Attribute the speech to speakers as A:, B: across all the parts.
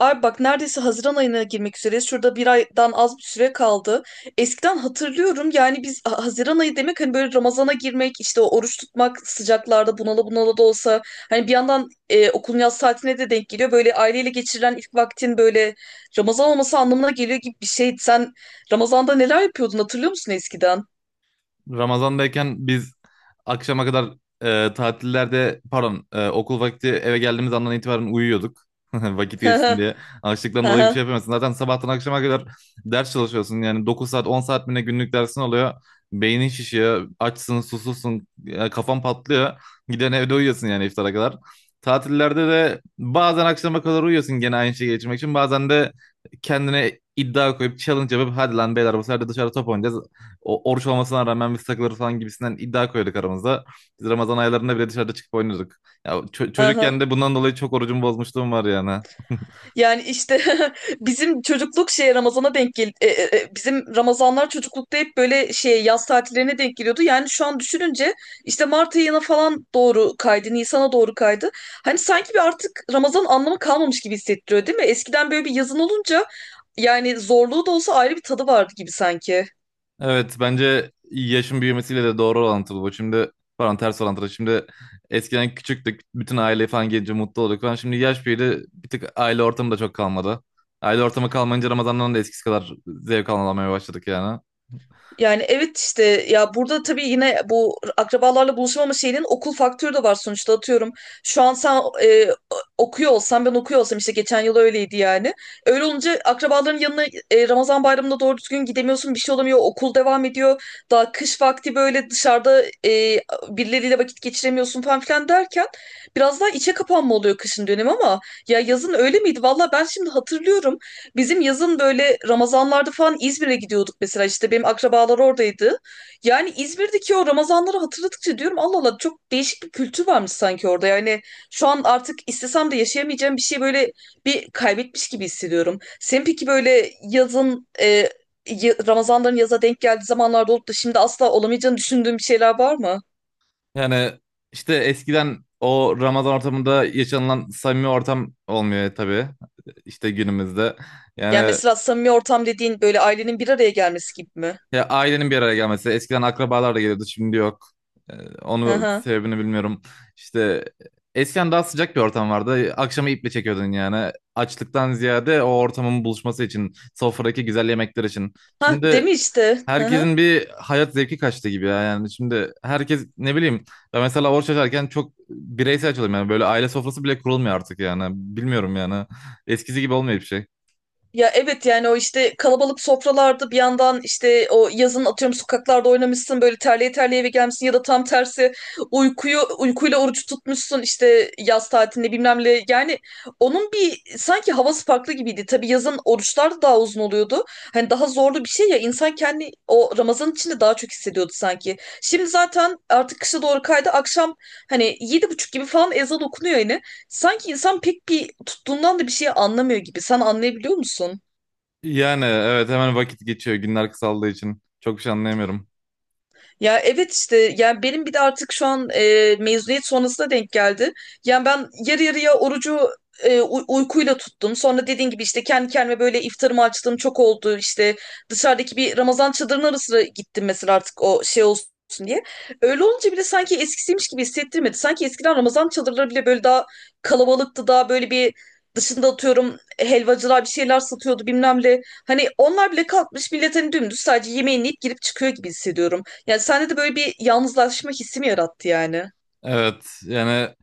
A: Abi bak neredeyse Haziran ayına girmek üzereyiz. Şurada bir aydan az bir süre kaldı. Eskiden hatırlıyorum yani biz Haziran ayı demek hani böyle Ramazan'a girmek, işte o oruç tutmak sıcaklarda bunala bunala da olsa hani bir yandan okulun yaz tatiline de denk geliyor. Böyle aileyle geçirilen ilk vaktin böyle Ramazan olması anlamına geliyor gibi bir şey. Sen Ramazan'da neler yapıyordun hatırlıyor musun eskiden?
B: Ramazan'dayken biz akşama kadar okul vakti eve geldiğimiz andan itibaren uyuyorduk. Vakit
A: Hı
B: geçsin
A: hı,
B: diye.
A: hı
B: Açlıktan dolayı bir şey
A: hı,
B: yapamıyorsun. Zaten sabahtan akşama kadar ders çalışıyorsun. Yani 9 saat 10 saat mi ne günlük dersin oluyor. Beynin şişiyor. Açsın susuzsun. Kafan patlıyor. Giden evde uyuyorsun yani iftara kadar. Tatillerde de bazen akşama kadar uyuyorsun gene aynı şeyi geçirmek için. Bazen de kendine iddia koyup challenge yapıp hadi lan beyler bu sefer de dışarı top oynayacağız oruç olmasına rağmen biz takılırız falan gibisinden iddia koyduk aramızda. Biz Ramazan aylarında bile dışarıda çıkıp oynuyorduk. Ya
A: hı hı.
B: çocukken de bundan dolayı çok orucumu bozmuşluğum var yani.
A: Yani işte bizim çocukluk şey Ramazan'a denk gel e, e, e, bizim Ramazanlar çocuklukta hep böyle şey yaz tatillerine denk geliyordu. Yani şu an düşününce işte Mart ayına falan doğru kaydı, Nisan'a doğru kaydı. Hani sanki bir artık Ramazan anlamı kalmamış gibi hissettiriyor değil mi? Eskiden böyle bir yazın olunca yani zorluğu da olsa ayrı bir tadı vardı gibi sanki.
B: Evet, bence yaşın büyümesiyle de doğru orantılı bu. Şimdi, pardon, ters orantılı. Şimdi eskiden küçüktük. Bütün aile falan gelince mutlu olduk falan. Şimdi yaş büyüdü. Bir tık aile ortamı da çok kalmadı. Aile ortamı kalmayınca Ramazan'dan da eskisi kadar zevk alamamaya başladık yani.
A: Yani evet işte ya burada tabii yine bu akrabalarla buluşamama şeyinin okul faktörü de var sonuçta atıyorum. Şu an sen okuyor olsan ben okuyor olsam işte geçen yıl öyleydi yani. Öyle olunca akrabaların yanına Ramazan bayramında doğru düzgün gidemiyorsun bir şey olamıyor okul devam ediyor. Daha kış vakti böyle dışarıda birileriyle vakit geçiremiyorsun falan filan derken biraz daha içe kapanma oluyor kışın dönemi ama ya yazın öyle miydi? Valla ben şimdi hatırlıyorum. Bizim yazın böyle Ramazanlarda falan İzmir'e gidiyorduk mesela işte benim akrabalar oradaydı. Yani İzmir'deki o Ramazanları hatırladıkça diyorum Allah Allah çok değişik bir kültür varmış sanki orada. Yani şu an artık istesem de yaşayamayacağım bir şey böyle bir kaybetmiş gibi hissediyorum. Sen peki böyle yazın Ramazanların yaza denk geldiği zamanlarda olup da şimdi asla olamayacağını düşündüğün bir şeyler var mı?
B: Yani işte eskiden o Ramazan ortamında yaşanılan samimi ortam olmuyor tabii. İşte günümüzde.
A: Yani
B: Yani
A: mesela samimi ortam dediğin böyle ailenin bir araya gelmesi gibi mi?
B: ya ailenin bir araya gelmesi. Eskiden akrabalar da geliyordu, şimdi yok. Ee,
A: Hı
B: Onu
A: hı.
B: sebebini bilmiyorum. İşte eskiden daha sıcak bir ortam vardı. Akşamı iple çekiyordun yani. Açlıktan ziyade o ortamın buluşması için, sofradaki güzel yemekler için.
A: Ha değil
B: Şimdi
A: mi işte? Hı hı.
B: herkesin bir hayat zevki kaçtı gibi ya, yani şimdi herkes ne bileyim ben mesela oruç açarken çok bireysel açıyorum yani, böyle aile sofrası bile kurulmuyor artık yani, bilmiyorum yani eskisi gibi olmuyor bir şey.
A: Ya evet yani o işte kalabalık sofralarda bir yandan işte o yazın atıyorum sokaklarda oynamışsın böyle terleye terleye eve gelmişsin ya da tam tersi uykuyu uykuyla oruç tutmuşsun işte yaz tatilinde bilmem ne yani onun bir sanki havası farklı gibiydi. Tabii yazın oruçlar da daha uzun oluyordu. Hani daha zorlu bir şey ya insan kendi o Ramazan içinde daha çok hissediyordu sanki. Şimdi zaten artık kışa doğru kaydı akşam hani yedi buçuk gibi falan ezan okunuyor yine. Sanki insan pek bir tuttuğundan da bir şey anlamıyor gibi. Sen anlayabiliyor musun?
B: Yani evet, hemen vakit geçiyor günler kısaldığı için çok bir şey anlayamıyorum.
A: Ya evet işte yani benim bir de artık şu an mezuniyet sonrasına denk geldi. Yani ben yarı yarıya orucu uykuyla tuttum. Sonra dediğin gibi işte kendi kendime böyle iftarımı açtığım çok oldu. İşte dışarıdaki bir Ramazan çadırının arasına gittim mesela artık o şey olsun diye. Öyle olunca bile sanki eskisiymiş gibi hissettirmedi. Sanki eskiden Ramazan çadırları bile böyle daha kalabalıktı. Daha böyle bir dışında atıyorum helvacılar bir şeyler satıyordu bilmem ne. Hani onlar bile kalkmış millet hani dümdüz sadece yemeğini yiyip girip çıkıyor gibi hissediyorum. Yani sende de böyle bir yalnızlaşma hissi mi yarattı yani?
B: Evet yani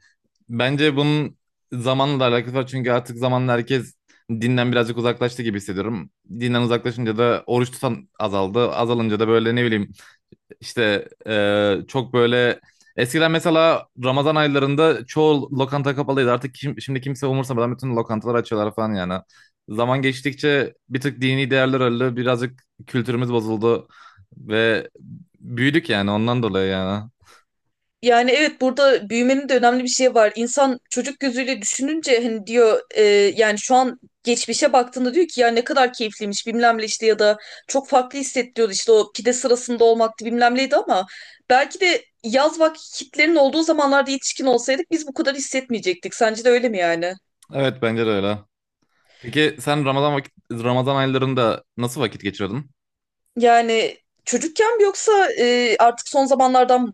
B: bence bunun zamanla da alakası var, çünkü artık zamanla herkes dinden birazcık uzaklaştı gibi hissediyorum. Dinden uzaklaşınca da oruç tutan azaldı. Azalınca da böyle ne bileyim çok böyle eskiden mesela Ramazan aylarında çoğu lokanta kapalıydı. Artık şimdi kimse umursamadan bütün lokantalar açıyorlar falan yani. Zaman geçtikçe bir tık dini değerler öldü. Birazcık kültürümüz bozuldu ve büyüdük yani, ondan dolayı yani.
A: Yani evet burada büyümenin de önemli bir şey var. İnsan çocuk gözüyle düşününce hani diyor yani şu an geçmişe baktığında diyor ki ya ne kadar keyifliymiş bilmem ne işte ya da çok farklı hissettiriyordu işte o pide sırasında olmaktı bilmem neydi ama belki de yaz vakitlerin olduğu zamanlarda yetişkin olsaydık biz bu kadar hissetmeyecektik. Sence de öyle mi yani?
B: Evet, bence de öyle. Peki sen Ramazan Ramazan aylarında nasıl vakit geçiriyordun?
A: Yani çocukken mi yoksa artık son zamanlardan mı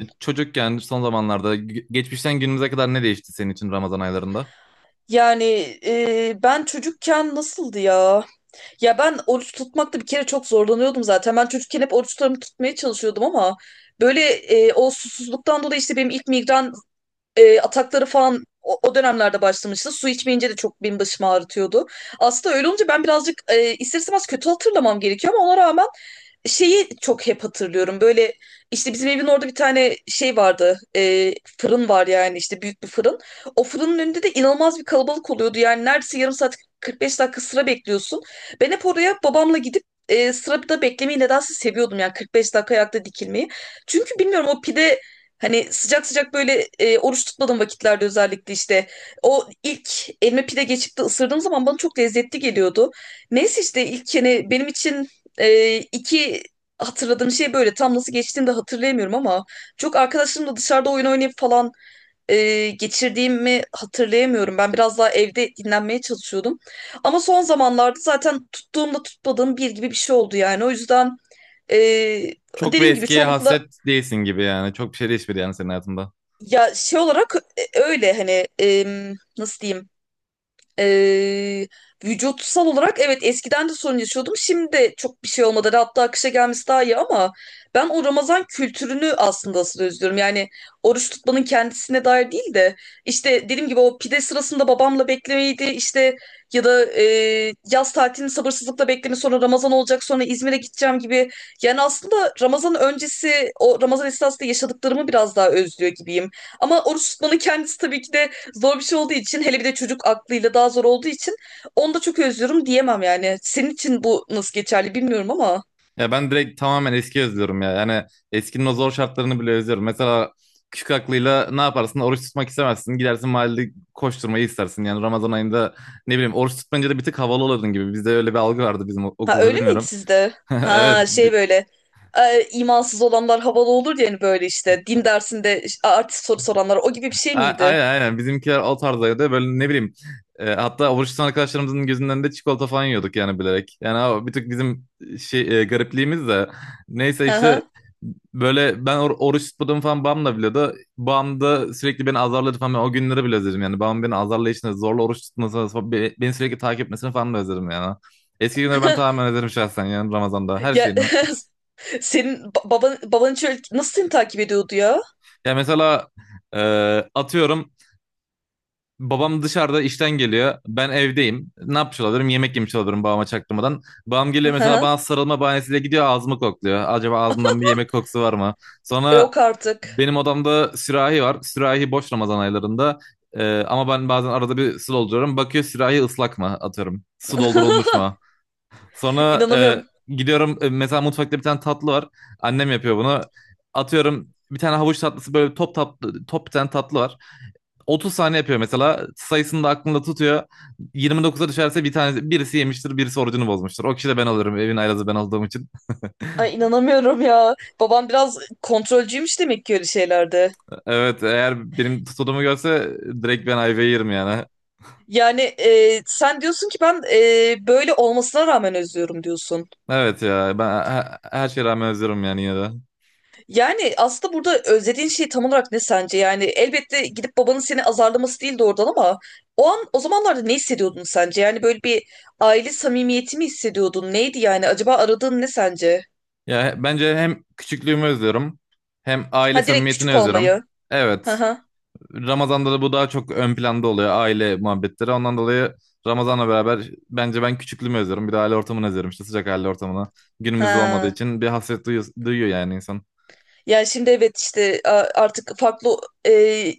B: Çocukken, son zamanlarda, geçmişten günümüze kadar ne değişti senin için Ramazan aylarında?
A: Yani ben çocukken nasıldı ya? Ya ben oruç tutmakta bir kere çok zorlanıyordum zaten. Ben çocukken hep oruçlarımı tutmaya çalışıyordum ama böyle o susuzluktan dolayı işte benim ilk migren atakları falan o dönemlerde başlamıştı. Su içmeyince de çok benim başımı ağrıtıyordu. Aslında öyle olunca ben birazcık ister istemez kötü hatırlamam gerekiyor ama ona rağmen şeyi çok hep hatırlıyorum. Böyle işte bizim evin orada bir tane şey vardı. Fırın var yani işte büyük bir fırın. O fırının önünde de inanılmaz bir kalabalık oluyordu. Yani neredeyse yarım saat 45 dakika sıra bekliyorsun. Ben hep oraya babamla gidip sırada beklemeyi nedense seviyordum. Yani 45 dakika ayakta dikilmeyi. Çünkü bilmiyorum o pide hani sıcak sıcak böyle oruç tutmadığım vakitlerde özellikle işte o ilk elime pide geçip de ısırdığım zaman bana çok lezzetli geliyordu. Neyse işte ilk yani benim için iki hatırladığım şey böyle. Tam nasıl geçtiğini de hatırlayamıyorum ama çok arkadaşlarımla dışarıda oyun oynayıp falan geçirdiğimi hatırlayamıyorum. Ben biraz daha evde dinlenmeye çalışıyordum. Ama son zamanlarda zaten tuttuğumla tutmadığım bir gibi bir şey oldu yani. O yüzden e,
B: Çok bir
A: dediğim gibi
B: eskiye
A: çoğunlukla
B: hasret değilsin gibi yani. Çok bir şey değişmedi yani senin hayatında.
A: ya şey olarak öyle hani nasıl diyeyim. Ee, Vücutsal olarak evet eskiden de sorun yaşıyordum. Şimdi de çok bir şey olmadı. Hatta akışa gelmesi daha iyi ama ben o Ramazan kültürünü aslında asıl özlüyorum. Yani oruç tutmanın kendisine dair değil de işte dediğim gibi o pide sırasında babamla beklemeydi işte ya da yaz tatilini sabırsızlıkla bekleme sonra Ramazan olacak sonra İzmir'e gideceğim gibi. Yani aslında Ramazan öncesi o Ramazan esnasında yaşadıklarımı biraz daha özlüyor gibiyim. Ama oruç tutmanın kendisi tabii ki de zor bir şey olduğu için hele bir de çocuk aklıyla daha zor olduğu için onu da çok özlüyorum diyemem yani. Senin için bu nasıl geçerli bilmiyorum ama.
B: Ya ben direkt tamamen eski özlüyorum ya. Yani eskinin o zor şartlarını bile özlüyorum. Mesela küçük aklıyla ne yaparsın? Oruç tutmak istemezsin. Gidersin mahallede koşturmayı istersin. Yani Ramazan ayında ne bileyim oruç tutmayınca da bir tık havalı olurdun gibi. Bizde öyle bir algı vardı, bizim
A: Ha
B: okulda
A: öyle miydi
B: bilmiyorum.
A: sizde?
B: Evet.
A: Ha şey böyle imansız olanlar havalı olur ya hani böyle işte din dersinde artist soru soranlar o gibi bir şey
B: A-
A: miydi?
B: Aynen aynen bizimkiler o tarzdaydı, böyle ne bileyim, hatta oruç tutan arkadaşlarımızın gözünden de çikolata falan yiyorduk yani bilerek. Yani o bir tık bizim garipliğimiz de. Neyse
A: Hı
B: işte
A: hı.
B: böyle ben oruç tutmadığımı falan babam da biliyordu. Babam da sürekli beni azarladı falan, ben o günleri bile özledim yani, babam beni azarlayışını, zorla oruç tutmasını falan, beni sürekli takip etmesini falan da özledim yani. Eski günleri ben tamamen özledim şahsen, yani Ramazan'da her
A: Ya
B: şeyini.
A: senin baban hiç öyle- nasıl seni takip ediyordu ya?
B: Ya mesela, e, atıyorum, babam dışarıda işten geliyor. Ben evdeyim. Ne yapmış olabilirim? Yemek yemiş olabilirim babama çaktırmadan. Babam
A: Hı
B: geliyor mesela
A: hı.
B: bana sarılma bahanesiyle, gidiyor ağzımı kokluyor. Acaba ağzımdan bir yemek kokusu var mı? Sonra
A: Yok artık.
B: benim odamda sürahi var. Sürahi boş Ramazan aylarında. Ama ben bazen arada bir su dolduruyorum. Bakıyor sürahi ıslak mı, atıyorum. Su doldurulmuş mu? Sonra
A: İnanamıyorum.
B: gidiyorum, mesela mutfakta bir tane tatlı var. Annem yapıyor bunu. Atıyorum bir tane havuç tatlısı, böyle top tatlı, top bir tane tatlı var. 30 saniye yapıyor mesela. Sayısını da aklında tutuyor. 29'a düşerse bir tanesi, birisi yemiştir, birisi orucunu bozmuştur. O kişi de ben alırım. Evin aylazı ben olduğum için.
A: Ay inanamıyorum ya. Babam biraz kontrolcüymüş demek ki öyle şeylerde.
B: Evet, eğer benim tutulduğumu görse direkt ben ayvayı yerim yani.
A: Yani sen diyorsun ki ben böyle olmasına rağmen özlüyorum diyorsun.
B: Evet ya, ben her şeye rağmen özlüyorum yani yine de.
A: Yani aslında burada özlediğin şey tam olarak ne sence? Yani elbette gidip babanın seni azarlaması değildi oradan ama o an o zamanlarda ne hissediyordun sence? Yani böyle bir aile samimiyeti mi hissediyordun? Neydi yani? Acaba aradığın ne sence?
B: Ya bence hem küçüklüğümü özlüyorum, hem
A: Ha
B: aile
A: direkt
B: samimiyetini
A: küçük
B: özlüyorum.
A: olmayı. Ha
B: Evet.
A: ha.
B: Ramazan'da da bu daha çok ön planda oluyor, aile muhabbetleri. Ondan dolayı Ramazan'la beraber bence ben küçüklüğümü özlüyorum. Bir de aile ortamını özlüyorum, işte sıcak aile ortamını. Günümüzde olmadığı
A: Ha.
B: için bir hasret duyuyor, duyuyor yani insan.
A: Yani şimdi evet işte artık farklı e,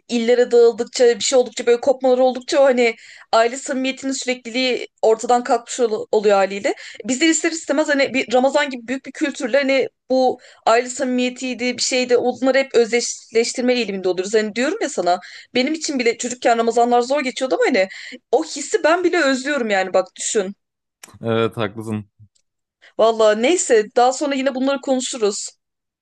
A: illere dağıldıkça bir şey oldukça böyle kopmalar oldukça o hani aile samimiyetinin sürekliliği ortadan kalkmış oluyor haliyle. Bizler ister istemez hani bir Ramazan gibi büyük bir kültürle hani bu aile samimiyetiydi bir şeydi onları hep özdeşleştirme eğiliminde oluruz. Hani diyorum ya sana benim için bile çocukken Ramazanlar zor geçiyordu ama hani o hissi ben bile özlüyorum yani bak düşün.
B: Evet haklısın.
A: Valla neyse daha sonra yine bunları konuşuruz.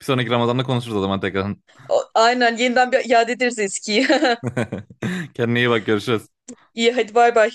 B: Bir sonraki Ramazan'da konuşuruz o zaman tekrar.
A: O- Aynen yeniden bir iade ederiz eskiyi.
B: Kendine iyi bak, görüşürüz.
A: İyi hadi bay bay.